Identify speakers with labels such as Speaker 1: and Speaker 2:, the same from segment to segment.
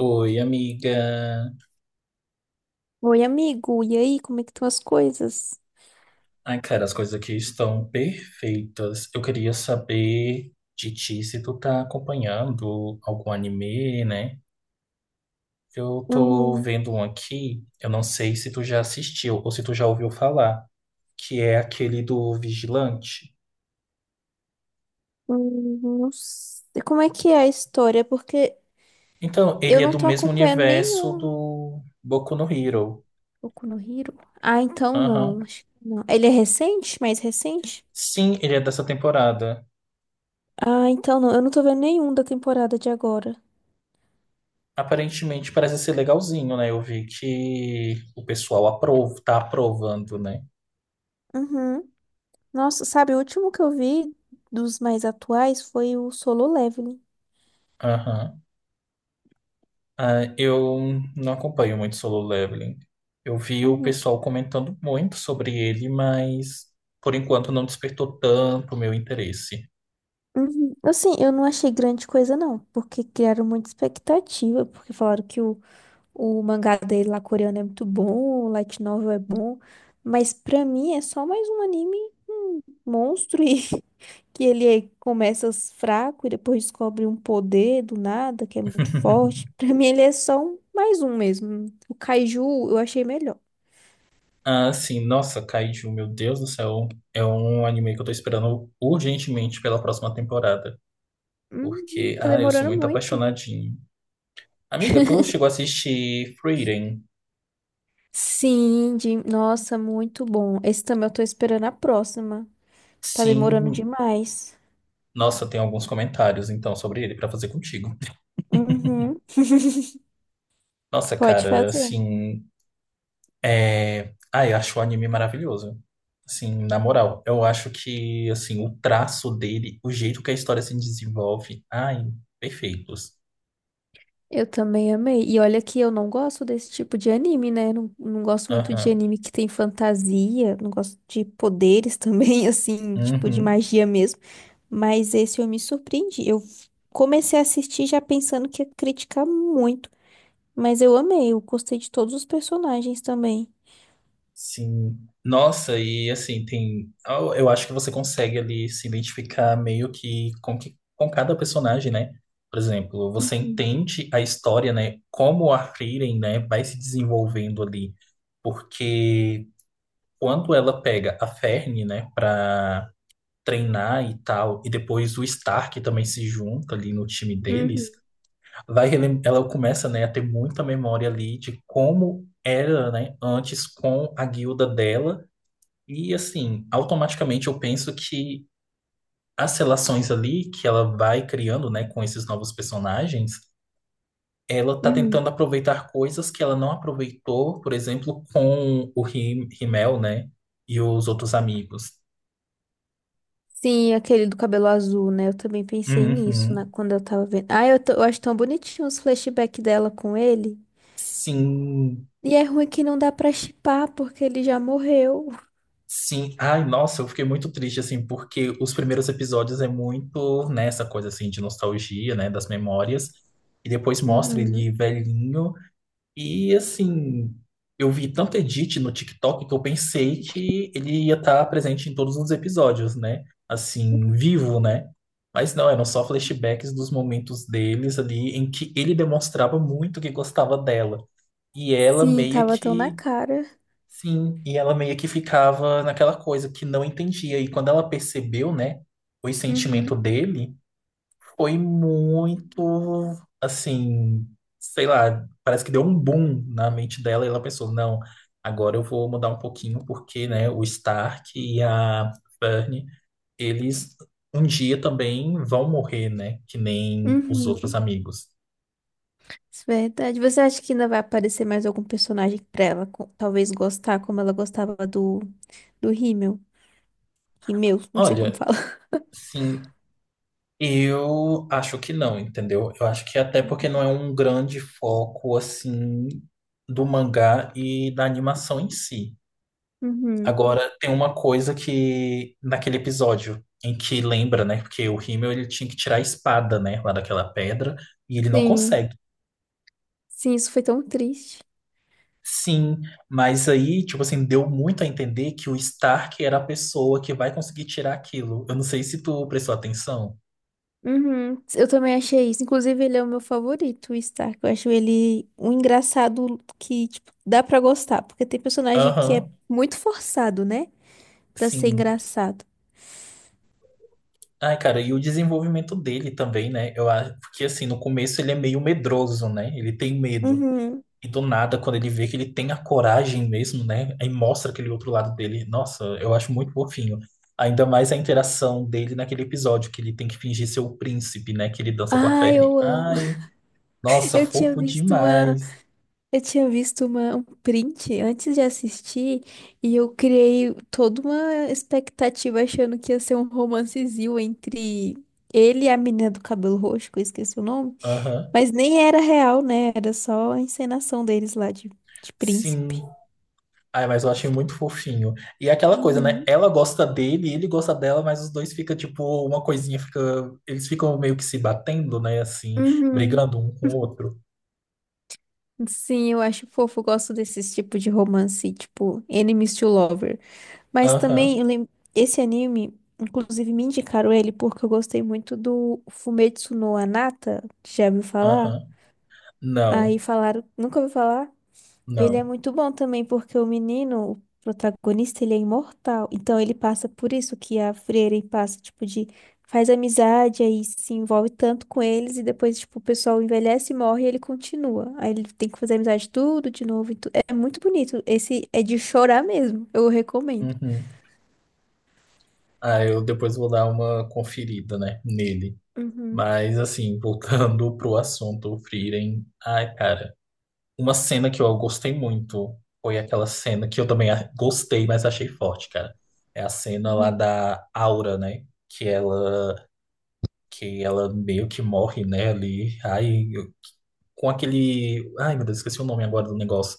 Speaker 1: Oi, amiga.
Speaker 2: Oi, amigo. E aí, como é que estão as coisas?
Speaker 1: Ai, cara, as coisas aqui estão perfeitas. Eu queria saber de ti se tu tá acompanhando algum anime, né? Eu tô
Speaker 2: Uhum.
Speaker 1: vendo um aqui, eu não sei se tu já assistiu ou se tu já ouviu falar, que é aquele do Vigilante.
Speaker 2: Não sei. Como é que é a história? Porque
Speaker 1: Então,
Speaker 2: eu
Speaker 1: ele é
Speaker 2: não
Speaker 1: do
Speaker 2: tô
Speaker 1: mesmo
Speaker 2: acompanhando
Speaker 1: universo
Speaker 2: nenhum.
Speaker 1: do Boku no Hero.
Speaker 2: Boku no Hero? Ah, então
Speaker 1: Aham.
Speaker 2: não. Acho que não. Ele é recente? Mais recente?
Speaker 1: Sim, ele é dessa temporada.
Speaker 2: Ah, então não. Eu não tô vendo nenhum da temporada de agora.
Speaker 1: Aparentemente parece ser legalzinho, né? Eu vi que o pessoal aprova, tá aprovando, né?
Speaker 2: Uhum. Nossa, sabe, o último que eu vi dos mais atuais foi o Solo Leveling.
Speaker 1: Aham. Ah, eu não acompanho muito Solo Leveling. Eu vi o
Speaker 2: Uhum.
Speaker 1: pessoal comentando muito sobre ele, mas por enquanto não despertou tanto o meu interesse.
Speaker 2: Uhum. Assim, eu não achei grande coisa, não, porque criaram muita expectativa, porque falaram que o mangá dele lá coreano é muito bom, o light novel é bom, mas pra mim é só mais um anime monstro e que ele começa fraco e depois descobre um poder do nada que é muito forte. Pra mim ele é só mais um mesmo. O Kaiju eu achei melhor.
Speaker 1: Ah, sim, nossa, Kaiju, meu Deus do céu. É um anime que eu tô esperando urgentemente pela próxima temporada.
Speaker 2: Uhum,
Speaker 1: Porque,
Speaker 2: tá
Speaker 1: ah, eu sou
Speaker 2: demorando
Speaker 1: muito
Speaker 2: muito.
Speaker 1: apaixonadinho. Amiga, tu chegou a assistir Frieren?
Speaker 2: Sim, de... nossa, muito bom. Esse também eu tô esperando a próxima. Tá demorando
Speaker 1: Sim,
Speaker 2: demais.
Speaker 1: nossa, tem alguns comentários então sobre ele pra fazer contigo.
Speaker 2: Uhum,
Speaker 1: Nossa,
Speaker 2: pode
Speaker 1: cara,
Speaker 2: fazer.
Speaker 1: assim. É... Ah, eu acho o anime maravilhoso. Assim, na moral, eu acho que assim, o traço dele, o jeito que a história se desenvolve, ai, perfeitos.
Speaker 2: Eu também amei. E olha que eu não gosto desse tipo de anime, né? Não gosto muito de
Speaker 1: Aham.
Speaker 2: anime que tem fantasia, não gosto de poderes também, assim, tipo de
Speaker 1: Uhum.
Speaker 2: magia mesmo. Mas esse eu me surpreendi. Eu comecei a assistir já pensando que ia criticar muito, mas eu amei, eu gostei de todos os personagens também.
Speaker 1: Sim. Nossa, e assim, tem. Eu acho que você consegue ali se identificar meio que, com cada personagem, né? Por exemplo, você
Speaker 2: Uhum,
Speaker 1: entende a história, né? Como a Frieren, né, vai se desenvolvendo ali. Porque quando ela pega a Fern, né, pra treinar e tal, e depois o Stark também se junta ali no time
Speaker 2: uhum,
Speaker 1: deles, ela começa, né, a ter muita memória ali de como era, né, antes com a guilda dela, e assim, automaticamente eu penso que as relações ali que ela vai criando, né, com esses novos personagens, ela tá
Speaker 2: uhum.
Speaker 1: tentando aproveitar coisas que ela não aproveitou, por exemplo, com o Rimmel, né, e os outros amigos.
Speaker 2: Sim, aquele do cabelo azul, né? Eu também pensei
Speaker 1: Uhum.
Speaker 2: quando eu tava vendo. Ah, eu acho tão bonitinho os flashbacks dela com ele.
Speaker 1: Sim,
Speaker 2: E é ruim que não dá pra chipar, porque ele já morreu.
Speaker 1: Sim, ai, nossa, eu fiquei muito triste, assim, porque os primeiros episódios é muito nessa coisa, assim, de nostalgia, né, das memórias, e depois mostra ele
Speaker 2: Uhum.
Speaker 1: velhinho, e, assim, eu vi tanto edit no TikTok que eu pensei que ele ia estar presente em todos os episódios, né, assim, vivo, né, mas não, eram só flashbacks dos momentos deles ali, em que ele demonstrava muito que gostava dela, e ela
Speaker 2: Sim,
Speaker 1: meio
Speaker 2: tava tão na
Speaker 1: que
Speaker 2: cara.
Speaker 1: Sim, e ela meio que ficava naquela coisa que não entendia. E quando ela percebeu, né, o sentimento
Speaker 2: Uhum.
Speaker 1: dele, foi muito, assim, sei lá, parece que deu um boom na mente dela e ela pensou, não, agora eu vou mudar um pouquinho porque, né, o Stark e a Fern, eles um dia também vão morrer, né, que nem os outros
Speaker 2: Uhum.
Speaker 1: amigos.
Speaker 2: Isso é verdade. Você acha que ainda vai aparecer mais algum personagem pra ela, talvez gostar como ela gostava do do Rímel? Rímel, não sei como
Speaker 1: Olha,
Speaker 2: fala.
Speaker 1: sim, eu acho que não, entendeu? Eu acho que até porque não é um grande foco assim do mangá e da animação em si.
Speaker 2: Uhum.
Speaker 1: Agora tem uma coisa que naquele episódio em que lembra, né? Porque o Himmel ele tinha que tirar a espada, né, lá daquela pedra e ele não
Speaker 2: Sim.
Speaker 1: consegue.
Speaker 2: Sim, isso foi tão triste.
Speaker 1: Sim, mas aí, tipo assim, deu muito a entender que o Stark era a pessoa que vai conseguir tirar aquilo. Eu não sei se tu prestou atenção.
Speaker 2: Uhum. Eu também achei isso. Inclusive, ele é o meu favorito, o Stark. Eu acho ele um engraçado que, tipo, dá pra gostar, porque tem personagem que é
Speaker 1: Aham,
Speaker 2: muito forçado, né? Pra ser
Speaker 1: sim.
Speaker 2: engraçado.
Speaker 1: Ai, cara, e o desenvolvimento dele também, né? Eu acho que assim, no começo ele é meio medroso, né? Ele tem medo.
Speaker 2: Uhum.
Speaker 1: E do nada, quando ele vê que ele tem a coragem mesmo, né? Aí mostra aquele outro lado dele. Nossa, eu acho muito fofinho. Ainda mais a interação dele naquele episódio que ele tem que fingir ser o príncipe, né? Que ele dança com a
Speaker 2: Ah,
Speaker 1: Fern.
Speaker 2: eu amo.
Speaker 1: Ai, nossa,
Speaker 2: Eu tinha
Speaker 1: fofo
Speaker 2: visto uma,
Speaker 1: demais.
Speaker 2: eu tinha visto um print antes de assistir e eu criei toda uma expectativa achando que ia ser um romancezinho entre ele e a menina do cabelo roxo, que eu esqueci o nome,
Speaker 1: Aham.
Speaker 2: mas nem era real, né? Era só a encenação deles lá de
Speaker 1: Sim.
Speaker 2: príncipe.
Speaker 1: Ai, mas eu achei muito fofinho. E é aquela coisa, né?
Speaker 2: Uhum.
Speaker 1: Ela gosta dele, ele gosta dela, mas os dois fica tipo, uma coisinha fica. Eles ficam meio que se batendo, né? Assim,
Speaker 2: Uhum.
Speaker 1: brigando um com o outro.
Speaker 2: Sim, eu acho fofo, eu gosto desses tipos de romance, tipo enemies to lovers. Mas também
Speaker 1: Aham,
Speaker 2: eu lembro, esse anime, inclusive me indicaram ele porque eu gostei muito do Fumetsu no Anata, já ouviu falar?
Speaker 1: aham.
Speaker 2: Aí
Speaker 1: Não,
Speaker 2: falaram, nunca ouviu falar? Ele é
Speaker 1: não.
Speaker 2: muito bom também porque o menino, o protagonista, ele é imortal. Então ele passa por isso que a Frieren passa, tipo, de faz amizade, aí se envolve tanto com eles e depois, tipo, o pessoal envelhece, morre e ele continua. Aí ele tem que fazer amizade tudo de novo. É muito bonito. Esse é de chorar mesmo. Eu recomendo.
Speaker 1: Uhum. Ah, eu depois vou dar uma conferida, né? Nele.
Speaker 2: Uhum.
Speaker 1: Mas, assim, voltando pro assunto, o Frieren. Ai, cara. Uma cena que eu gostei muito foi aquela cena que eu também gostei, mas achei forte, cara. É a cena lá
Speaker 2: Uhum.
Speaker 1: da Aura, né? Que ela meio que morre, né? Ali, aí eu- com aquele, ai meu Deus, esqueci o nome agora do negócio.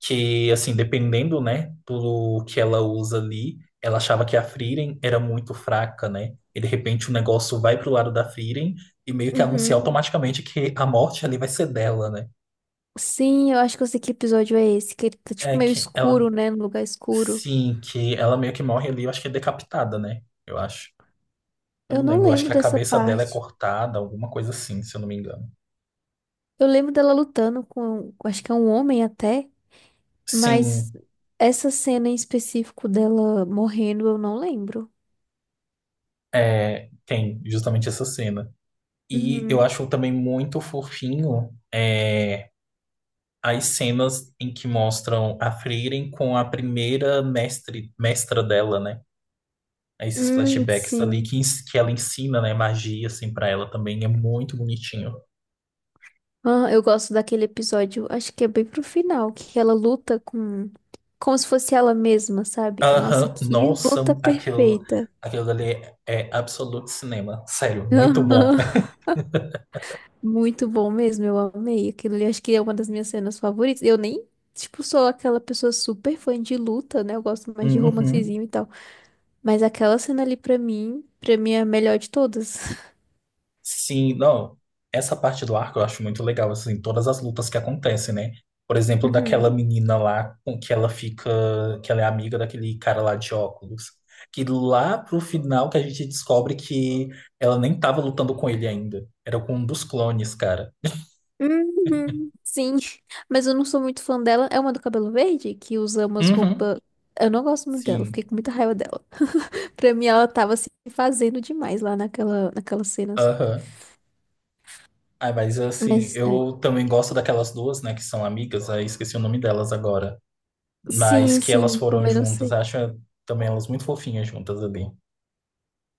Speaker 1: Que assim, dependendo, né, do que ela usa ali, ela achava que a Frieren era muito fraca, né? E de repente o negócio vai pro lado da Frieren e meio que anuncia
Speaker 2: Uhum.
Speaker 1: automaticamente que a morte ali vai ser dela, né?
Speaker 2: Sim, eu acho que eu sei que episódio é esse, que ele tá tipo
Speaker 1: É
Speaker 2: meio
Speaker 1: que ela
Speaker 2: escuro, né? No lugar escuro.
Speaker 1: Sim, que ela meio que morre ali, eu acho que é decapitada, né? Eu acho. Eu
Speaker 2: Eu
Speaker 1: não
Speaker 2: não
Speaker 1: lembro, eu acho
Speaker 2: lembro
Speaker 1: que a
Speaker 2: dessa
Speaker 1: cabeça dela é
Speaker 2: parte.
Speaker 1: cortada, alguma coisa assim, se eu não me engano.
Speaker 2: Eu lembro dela lutando com, acho que é um homem até, mas
Speaker 1: Sim,
Speaker 2: essa cena em específico dela morrendo, eu não lembro.
Speaker 1: é, tem justamente essa cena. E eu
Speaker 2: Uhum.
Speaker 1: acho também muito fofinho é, as cenas em que mostram a Frieren com a primeira mestre, mestra dela, né? Esses flashbacks ali
Speaker 2: Sim.
Speaker 1: que, que ela ensina, né, magia, assim, para ela também é muito bonitinho.
Speaker 2: Ah, eu gosto daquele episódio, acho que é bem pro final, que ela luta como se fosse ela mesma, sabe? Nossa,
Speaker 1: Aham,
Speaker 2: que
Speaker 1: nossa,
Speaker 2: luta
Speaker 1: aquilo,
Speaker 2: perfeita.
Speaker 1: aquilo dali é absoluto cinema. Sério, muito bom.
Speaker 2: Muito bom mesmo, eu amei aquilo ali. Acho que é uma das minhas cenas favoritas. Eu nem, tipo, sou aquela pessoa super fã de luta, né? Eu gosto mais de
Speaker 1: Uhum.
Speaker 2: romancezinho e tal. Mas aquela cena ali, pra mim é a melhor de todas.
Speaker 1: Sim, não. Essa parte do arco eu acho muito legal, assim, todas as lutas que acontecem, né? Por exemplo, daquela
Speaker 2: Uhum.
Speaker 1: menina lá com que ela fica, que ela é amiga daquele cara lá de óculos. Que lá pro final que a gente descobre que ela nem tava lutando com ele ainda. Era com um dos clones, cara.
Speaker 2: Uhum. Sim, mas eu não sou muito fã dela. É uma do cabelo verde que usa umas
Speaker 1: Uhum.
Speaker 2: roupas. Eu não gosto muito dela, fiquei
Speaker 1: Sim.
Speaker 2: com muita raiva dela. Pra mim, ela tava se fazendo demais lá naquelas cenas.
Speaker 1: Aham. Ah, mas assim,
Speaker 2: Mas, é,
Speaker 1: eu também gosto daquelas duas, né, que são amigas, aí esqueci o nome delas agora. Mas
Speaker 2: sim,
Speaker 1: que elas
Speaker 2: sim,
Speaker 1: foram
Speaker 2: também não
Speaker 1: juntas,
Speaker 2: sei.
Speaker 1: acho também elas muito fofinhas juntas ali.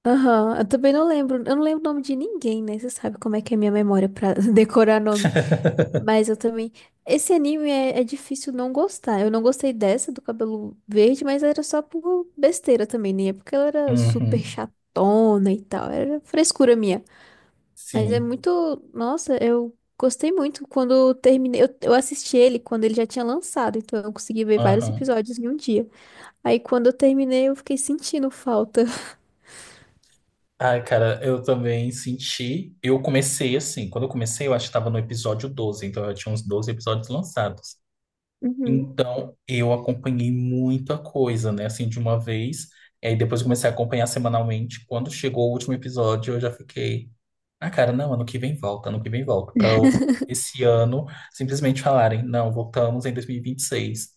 Speaker 2: Aham, eu também não lembro. Eu não lembro o nome de ninguém, né? Você sabe como é que é minha memória pra decorar nome. Mas eu também. Esse anime é difícil não gostar. Eu não gostei dessa do cabelo verde, mas era só por besteira também, né? Porque ela era super
Speaker 1: Uhum,
Speaker 2: chatona e tal. Era frescura minha. Mas é
Speaker 1: sim.
Speaker 2: muito. Nossa, eu gostei muito quando eu terminei. Eu assisti ele quando ele já tinha lançado, então eu consegui ver vários
Speaker 1: Aham.
Speaker 2: episódios em um dia. Aí quando eu terminei, eu fiquei sentindo falta.
Speaker 1: Ai, cara, eu também senti. Eu comecei assim, quando eu comecei, eu acho que estava no episódio 12, então eu tinha uns 12 episódios lançados.
Speaker 2: Uhum.
Speaker 1: Então eu acompanhei muita coisa, né, assim, de uma vez. E aí depois eu comecei a acompanhar semanalmente. Quando chegou o último episódio, eu já fiquei. Ah, cara, não, ano que vem volta, ano que vem volta. Pra esse ano simplesmente falarem, não, voltamos em 2026.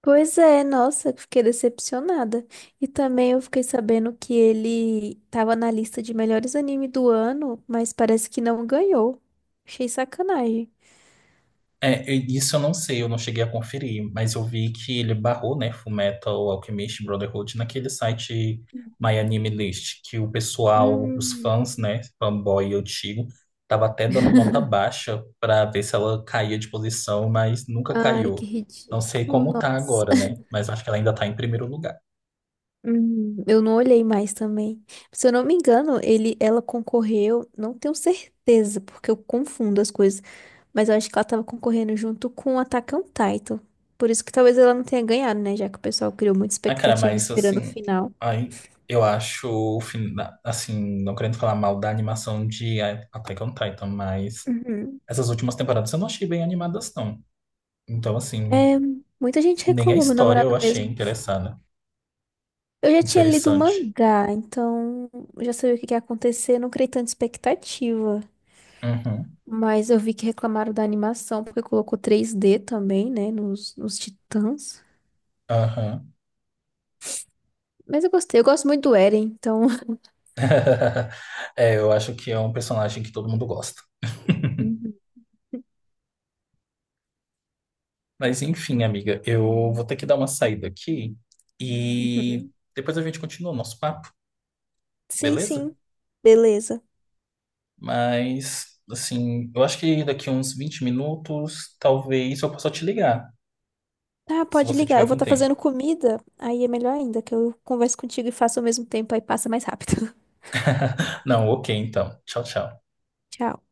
Speaker 2: Pois é, nossa, fiquei decepcionada. E também eu fiquei sabendo que ele tava na lista de melhores anime do ano, mas parece que não ganhou. Achei sacanagem.
Speaker 1: É, eu- isso eu não sei, eu não cheguei a conferir, mas eu vi que ele barrou, né, Fullmetal Alchemist Brotherhood naquele site My Anime List, que o pessoal, os
Speaker 2: Hum,
Speaker 1: fãs, né, fanboy antigo, tava até dando nota baixa pra ver se ela caía de posição, mas nunca
Speaker 2: Ai, que
Speaker 1: caiu. Não sei
Speaker 2: ridículo,
Speaker 1: como tá
Speaker 2: nossa.
Speaker 1: agora, né, mas acho que ela ainda tá em primeiro lugar.
Speaker 2: Eu não olhei mais também. Se eu não me engano, ela concorreu, não tenho certeza, porque eu confundo as coisas, mas eu acho que ela tava concorrendo junto com Attack on Titan. Por isso que talvez ela não tenha ganhado, né? Já que o pessoal criou muita
Speaker 1: Ah, cara,
Speaker 2: expectativa
Speaker 1: mas
Speaker 2: esperando o
Speaker 1: assim,
Speaker 2: final.
Speaker 1: aí eu acho, assim, não querendo falar mal da animação de Attack on Titan, mas
Speaker 2: Uhum.
Speaker 1: essas últimas temporadas eu não achei bem animadas, não. Então, assim,
Speaker 2: É, muita gente
Speaker 1: nem a
Speaker 2: reclamou, meu
Speaker 1: história eu
Speaker 2: namorado
Speaker 1: achei
Speaker 2: mesmo.
Speaker 1: interessada,
Speaker 2: Eu já tinha lido o
Speaker 1: interessante.
Speaker 2: mangá, então eu já sabia o que que ia acontecer, não criei tanta expectativa.
Speaker 1: Uhum,
Speaker 2: Mas eu vi que reclamaram da animação, porque colocou 3D também, né, nos Titãs.
Speaker 1: aham.
Speaker 2: Mas eu gostei, eu gosto muito do Eren, então.
Speaker 1: É, eu acho que é um personagem que todo mundo gosta.
Speaker 2: Uhum.
Speaker 1: Mas enfim, amiga, eu vou ter que dar uma saída aqui e
Speaker 2: Uhum.
Speaker 1: depois a gente continua o nosso papo,
Speaker 2: Sim,
Speaker 1: beleza?
Speaker 2: sim. Beleza.
Speaker 1: Mas, assim, eu acho que daqui uns 20 minutos, talvez eu possa te ligar,
Speaker 2: Tá,
Speaker 1: se
Speaker 2: pode
Speaker 1: você
Speaker 2: ligar.
Speaker 1: tiver
Speaker 2: Eu vou
Speaker 1: com
Speaker 2: estar
Speaker 1: tempo.
Speaker 2: fazendo comida, aí é melhor ainda, que eu converso contigo e faço ao mesmo tempo, aí passa mais rápido.
Speaker 1: Não, ok, então. Tchau, tchau.
Speaker 2: Tchau.